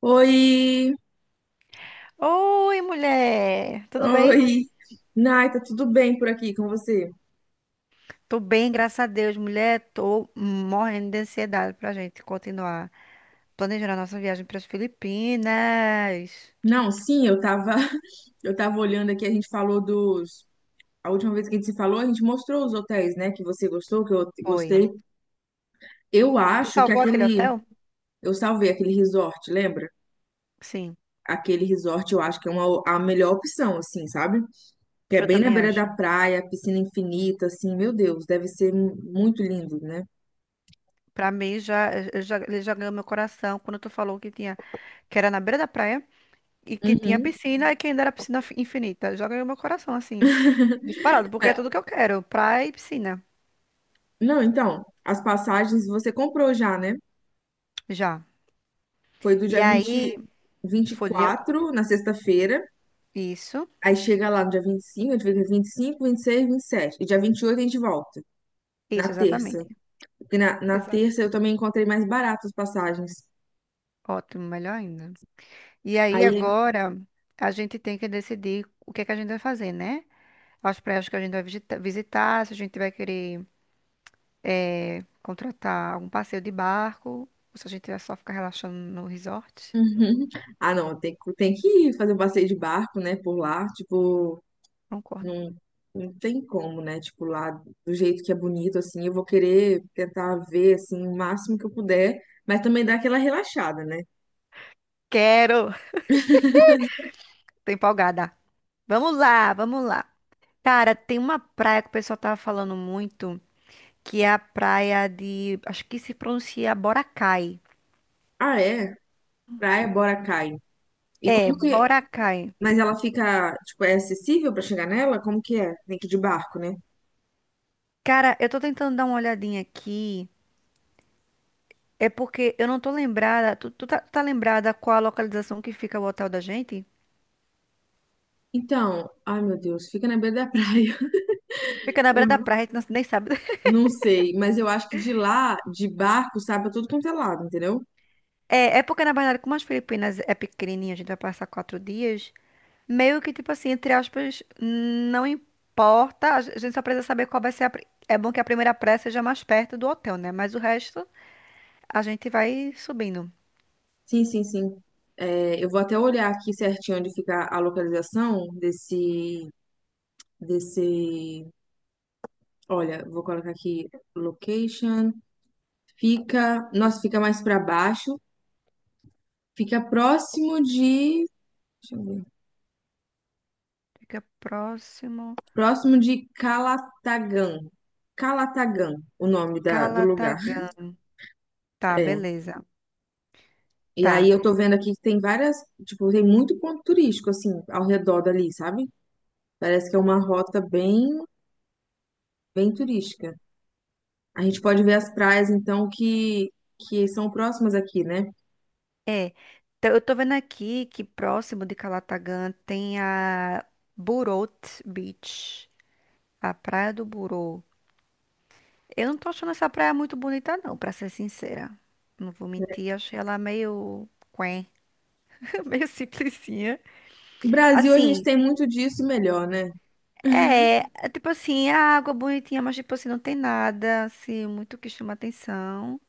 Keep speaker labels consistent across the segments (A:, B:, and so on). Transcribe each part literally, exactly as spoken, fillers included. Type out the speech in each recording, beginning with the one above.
A: Oi,
B: Oi, mulher! Tudo bem?
A: oi. Nai, tá tudo bem por aqui com você?
B: Tô bem, graças a Deus, mulher. Tô morrendo de ansiedade pra gente continuar planejando a nossa viagem para as Filipinas.
A: Não, sim, eu tava, eu tava olhando aqui, a gente falou dos, a última vez que a gente se falou, a gente mostrou os hotéis, né, que você gostou, que eu
B: Oi.
A: gostei. Eu
B: Tu
A: acho que
B: salvou aquele
A: aquele,
B: hotel?
A: eu salvei aquele resort, lembra?
B: Sim,
A: Aquele resort eu acho que é uma, a melhor opção, assim, sabe? Que é
B: eu
A: bem na
B: também
A: beira
B: acho.
A: da praia, piscina infinita, assim, meu Deus, deve ser mu- muito lindo, né?
B: Pra mim, já, eu já, ele já ganhou meu coração quando tu falou que tinha, que era na beira da praia e que tinha
A: Uhum.
B: piscina e que ainda era piscina fi- infinita. Já ganhou meu coração, assim, disparado, porque
A: É,
B: é tudo que eu quero, praia e piscina,
A: não, então, as passagens você comprou já, né?
B: já.
A: Foi do
B: E
A: dia vinte
B: aí,
A: vinte e
B: foi dia-
A: quatro na sexta-feira.
B: isso,
A: Aí chega lá no dia vinte e cinco, a gente fica vinte e cinco, vinte e seis, vinte e e sete, e dia vinte e oito, a gente volta,
B: isso,
A: na terça.
B: exatamente.
A: Porque na, na
B: Exato.
A: terça eu também encontrei mais barato as passagens.
B: Ótimo, melhor ainda. E aí
A: Aí,
B: agora a gente tem que decidir o que é que a gente vai fazer, né? As praias que a gente vai visita- visitar, se a gente vai querer eh, contratar algum passeio de barco, ou se a gente vai só ficar relaxando no resort.
A: uhum. Ah, não, tem, que- tem que ir fazer um passeio de barco, né, por lá. Tipo,
B: Concordo.
A: não, não tem como, né? Tipo, lá do jeito que é bonito, assim. Eu vou querer tentar ver, assim, o máximo que eu puder. Mas também dá aquela relaxada, né?
B: Quero! Tô empolgada. Vamos lá, vamos lá. Cara, tem uma praia que o pessoal tava falando muito, que é a praia de, acho que se pronuncia Boracay.
A: Ah, é? Praia, bora, cai. E
B: É,
A: como que
B: Boracay.
A: Mas ela fica, tipo, é acessível pra chegar nela? Como que é? Tem que ir de barco, né?
B: Cara, eu tô tentando dar uma olhadinha aqui. É porque eu não tô lembrada. Tu, tu tá, tá lembrada qual a localização que fica o hotel da gente?
A: Então, ai meu Deus, fica na beira da praia.
B: Fica na
A: Eu
B: beira da
A: não
B: praia, a gente não- nem sabe.
A: não sei, mas eu acho que de lá, de barco, sabe, é tudo quanto é lado, entendeu?
B: É, é porque, na verdade, como as Filipinas é pequenininha, a gente vai passar quatro dias. Meio que, tipo assim, entre aspas, não importa. A gen- a gente só precisa saber qual vai ser a. pri- É bom que a primeira praia seja mais perto do hotel, né? Mas o resto, a gente vai subindo.
A: Sim, sim, sim. É, eu vou até olhar aqui certinho onde fica a localização desse, desse. Olha, vou colocar aqui location. Fica, nossa, fica mais pra baixo. Fica próximo de. Deixa eu ver.
B: Fica próximo.
A: Próximo de Calatagan. Calatagan, o nome da, do lugar.
B: Calatagam. Tá,
A: É.
B: beleza.
A: E aí
B: Tá.
A: eu tô vendo aqui que tem várias, tipo, tem muito ponto turístico, assim, ao redor dali, sabe? Parece que é uma rota bem, bem turística. A gente pode ver as praias, então, que, que são próximas aqui, né?
B: É, tá, eu tô vendo aqui que próximo de Calatagan tem a Burot Beach, a Praia do Burô. Eu não tô achando essa praia muito bonita, não, pra ser sincera. Não vou mentir, achei ela meio quen, meio simplesinha.
A: No Brasil, a gente
B: Assim,
A: tem muito disso e melhor, né?
B: é, é tipo assim, a água é bonitinha, mas tipo assim, não tem nada, assim, muito que chama atenção.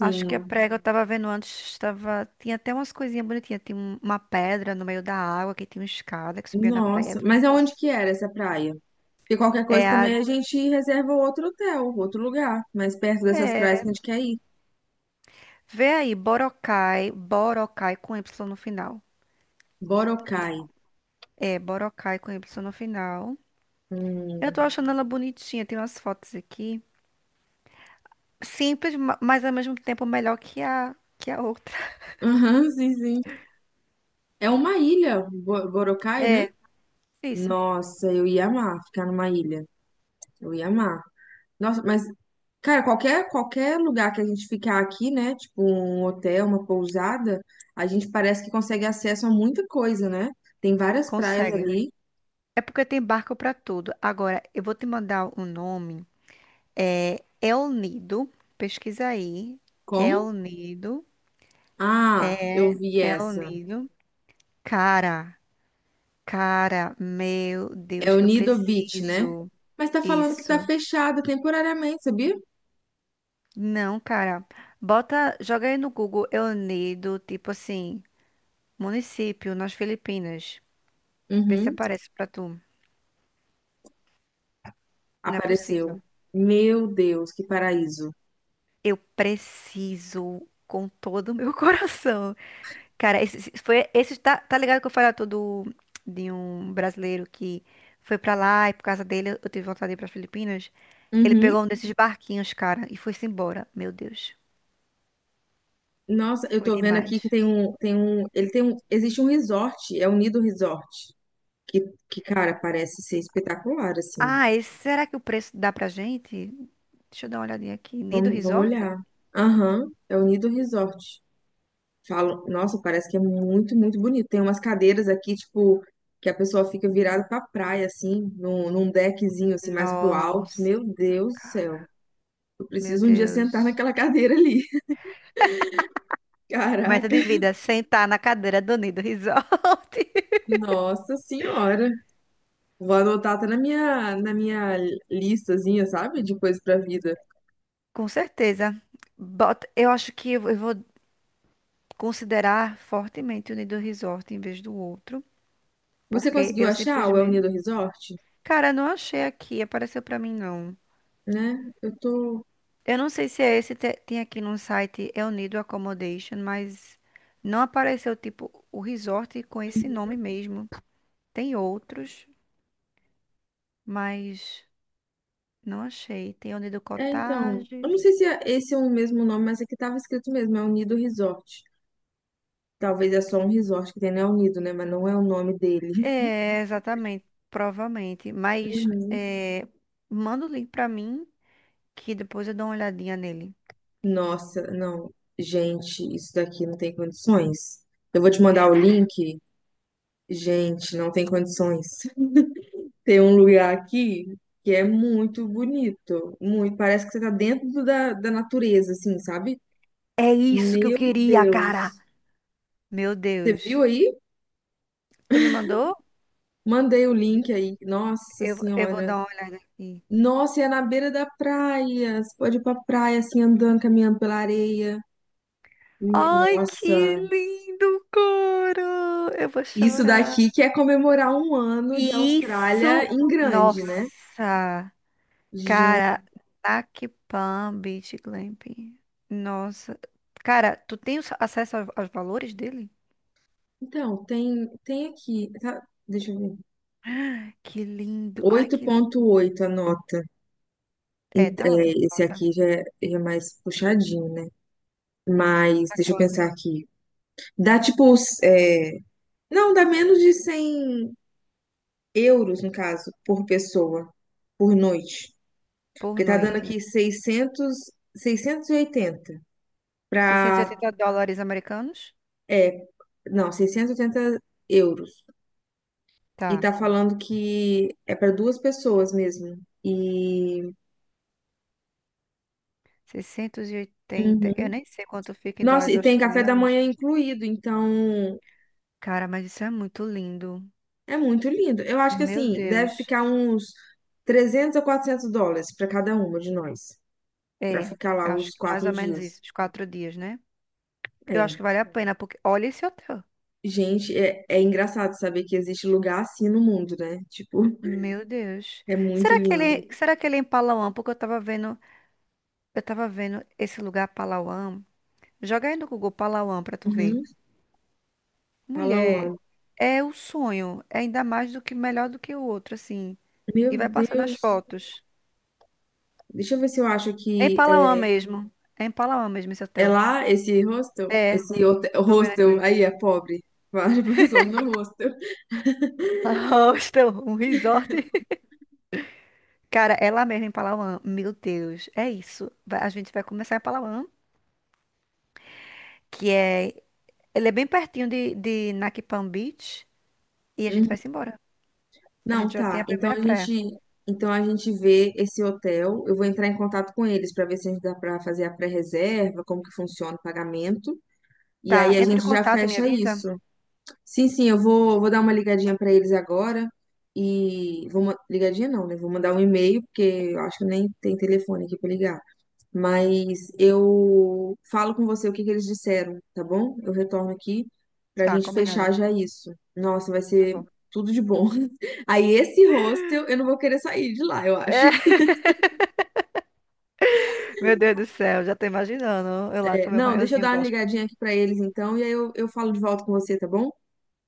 B: Acho que a prega eu tava vendo antes, tava tinha até umas coisinhas bonitinhas. Tinha um- uma pedra no meio da água, que tinha uma escada que subia na
A: Nossa.
B: pedra, um
A: Mas aonde
B: negócio.
A: que era essa praia? Porque qualquer
B: É
A: coisa também
B: a.
A: a gente reserva outro hotel, outro lugar, mais perto dessas
B: É,
A: praias que a gente quer ir.
B: vê aí, Boracay, Boracay com Y no final.
A: Boracay.
B: É, Boracay com Y no final. Eu tô
A: Hum.
B: achando ela bonitinha, tem umas fotos aqui. Simples, ma- mas ao mesmo tempo melhor que a, que a outra.
A: Aham, sim, sim. É uma ilha, Bo- Boracay, né?
B: É, isso.
A: Nossa, eu ia amar ficar numa ilha. Eu ia amar. Nossa, mas, cara, qualquer, qualquer lugar que a gente ficar aqui, né? Tipo um hotel, uma pousada, a gente parece que consegue acesso a muita coisa, né? Tem várias praias
B: Consegue.
A: ali.
B: É porque tem barco pra tudo. Agora, eu vou te mandar o nome. É El Nido. Pesquisa aí.
A: Como?
B: El Nido.
A: Ah, eu vi
B: El
A: essa.
B: Nido. Cara, cara, meu
A: É
B: Deus,
A: o
B: eu
A: Nido Beach, né?
B: preciso.
A: Mas tá falando que tá
B: Isso.
A: fechado temporariamente, sabia?
B: Não, cara. Bota, joga aí no Google El Nido, tipo assim, município nas Filipinas. Vê se
A: Uhum.
B: aparece pra tu. Não é
A: Apareceu.
B: possível.
A: Meu Deus, que paraíso.
B: Eu preciso com todo o meu coração. Cara, esse, esse- foi, esse tá, tá ligado que eu falei todo de um brasileiro que foi pra lá e por causa dele eu tive vontade de ir pras Filipinas. Ele
A: Uhum.
B: pegou um desses barquinhos, cara, e foi-se embora. Meu Deus,
A: Nossa, eu
B: foi
A: tô vendo aqui
B: demais.
A: que tem um, tem um, ele tem um, existe um resort, é o Nido Resort, que, que, cara, parece ser espetacular, assim.
B: Ah, esse, será que o preço dá pra gente? Deixa eu dar uma olhadinha aqui. Nido
A: Vamos, vamos
B: Resort?
A: olhar. Aham, é o Nido Resort. Falam, nossa, parece que é muito, muito bonito. Tem umas cadeiras aqui, tipo, que a pessoa fica virada pra praia, assim, num, num deckzinho, assim, mais pro alto.
B: Nossa,
A: Meu Deus do
B: cara,
A: céu, eu
B: meu
A: preciso um dia sentar
B: Deus.
A: naquela cadeira ali.
B: Meta
A: Caraca.
B: de vida, sentar na cadeira do Nido Resort.
A: Nossa Senhora. Vou anotar até na minha, na minha listazinha, sabe? De coisas pra vida.
B: Com certeza. Bota, eu acho que eu eu vou considerar fortemente o Nido Resort em vez do outro,
A: Você
B: porque
A: conseguiu
B: eu
A: achar o El
B: simplesmente.
A: Nido Resort?
B: Cara, não achei aqui, apareceu pra mim não.
A: Né? Eu tô.
B: Eu não sei se é esse, te- tem aqui no site, é o Nido Accommodation, mas não apareceu, tipo, o resort com esse nome mesmo. Tem outros, mas não achei. Tem o Nido
A: É, então. Eu
B: Cottages.
A: não sei se é- esse é o mesmo nome, mas aqui tava escrito mesmo, El Nido Resort. Talvez é só um resort que tem no El Nido, né? Mas não é o nome dele.
B: É, exatamente, provavelmente. Mas
A: Uhum.
B: é, manda o link pra mim, que depois eu dou uma olhadinha nele.
A: Nossa, não. Gente, isso daqui não tem condições. Eu vou te mandar o link. Gente, não tem condições. Tem um lugar aqui que é muito bonito, muito, parece que você tá dentro do- da, da natureza, assim, sabe?
B: É isso que eu
A: Meu
B: queria, cara!
A: Deus.
B: Meu
A: Você viu
B: Deus.
A: aí?
B: Tu me mandou?
A: Mandei o link aí. Nossa
B: Eu, eu vou
A: Senhora.
B: dar uma olhada aqui.
A: Nossa, e é na beira da praia. Você pode ir pra praia, assim, andando, caminhando pela areia. Me-
B: Ai, que
A: Nossa,
B: lindo, cara! Eu vou
A: isso
B: chorar.
A: daqui que é comemorar um ano de Austrália
B: Isso,
A: em grande, né?
B: nossa,
A: Gente,
B: cara, Nac Palm Beach Glamping. Nossa, cara, tu tem os- acesso aos, aos valores dele?
A: então, tem, tem aqui, tá? Deixa eu ver.
B: Que lindo, ai,
A: oito
B: que
A: ponto
B: lindo.
A: oito a nota.
B: É,
A: Ent-
B: tá ótimo,
A: é, esse
B: tá,
A: aqui já é, já é, mais puxadinho, né? Mas
B: tá
A: deixa eu pensar
B: quanto?
A: aqui. Dá tipo. os, é, Não, dá menos de cem euros, no caso, por pessoa, por noite.
B: Por
A: Porque tá dando
B: noite,
A: aqui seiscentos, seiscentos e oitenta para.
B: seiscentos e oitenta dólares americanos?
A: É, não, seiscentos e oitenta euros. E
B: Tá.
A: tá falando que é para duas pessoas mesmo. E.
B: Seiscentos e oitenta. Eu
A: Uhum.
B: nem sei quanto fica em
A: Nossa,
B: dólares
A: e tem café da
B: australianos.
A: manhã incluído, então.
B: Cara, mas isso é muito lindo.
A: É muito lindo. Eu acho que
B: Meu
A: assim, deve
B: Deus.
A: ficar uns trezentos a quatrocentos dólares para cada uma de nós, para
B: É,
A: ficar lá
B: eu acho
A: os
B: que mais
A: quatro
B: ou menos isso,
A: dias.
B: os quatro dias, né? Eu acho
A: É.
B: que vale a pena, porque olha esse hotel.
A: Gente, é, é engraçado saber que existe lugar assim no mundo, né? Tipo,
B: Meu Deus.
A: é muito
B: Será que
A: lindo.
B: ele, será que ele é em Palawan? Porque eu tava vendo, eu tava vendo esse lugar Palawan. Joga aí no Google Palawan pra tu ver.
A: Uhum.
B: Mulher,
A: Palawan.
B: é o sonho. É ainda mais do que melhor do que o outro, assim. E
A: Meu
B: vai passando as
A: Deus.
B: fotos.
A: Deixa eu ver se eu acho
B: É em
A: que
B: Palawan
A: é,
B: mesmo. É em Palawan mesmo esse
A: é
B: hotel.
A: lá esse hostel,
B: É,
A: esse hotel,
B: tô vendo
A: hostel
B: aqui.
A: aí é pobre. Várias pessoas no hostel.
B: Hostel, um resort. Cara, é lá mesmo em Palawan. Meu Deus, é isso. Vai- A gente vai começar em Palawan, que é. Ele é bem pertinho de, de, Naki Palm Beach. E a gente vai se embora. A
A: Não,
B: gente já tem
A: tá.
B: a
A: Então
B: primeira
A: a gente,
B: praia.
A: então a gente vê esse hotel. Eu vou entrar em contato com eles para ver se a gente dá para fazer a pré-reserva, como que funciona o pagamento. E
B: Tá,
A: aí a
B: entre em
A: gente já
B: contato e me
A: fecha
B: avisa.
A: isso. Sim, sim, eu vou, vou dar uma ligadinha para eles agora e vou ma- ligadinha não, né? Vou mandar um e-mail porque eu acho que nem tem telefone aqui para ligar. Mas eu falo com você o que que eles disseram, tá bom? Eu retorno aqui pra
B: Tá,
A: gente fechar
B: combinado.
A: já isso. Nossa, vai
B: Tá
A: ser
B: bom.
A: tudo de bom. Aí esse hostel, eu não vou querer sair de lá, eu acho.
B: É, Meu Deus do céu, já tô imaginando. Eu lá
A: É,
B: com meu
A: não, deixa eu
B: maiozinho
A: dar uma
B: gospel.
A: ligadinha aqui pra eles então, e aí eu, eu falo de volta com você, tá bom?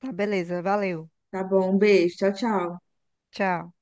B: Tá, beleza, valeu.
A: Tá bom, um beijo, tchau, tchau.
B: Tchau.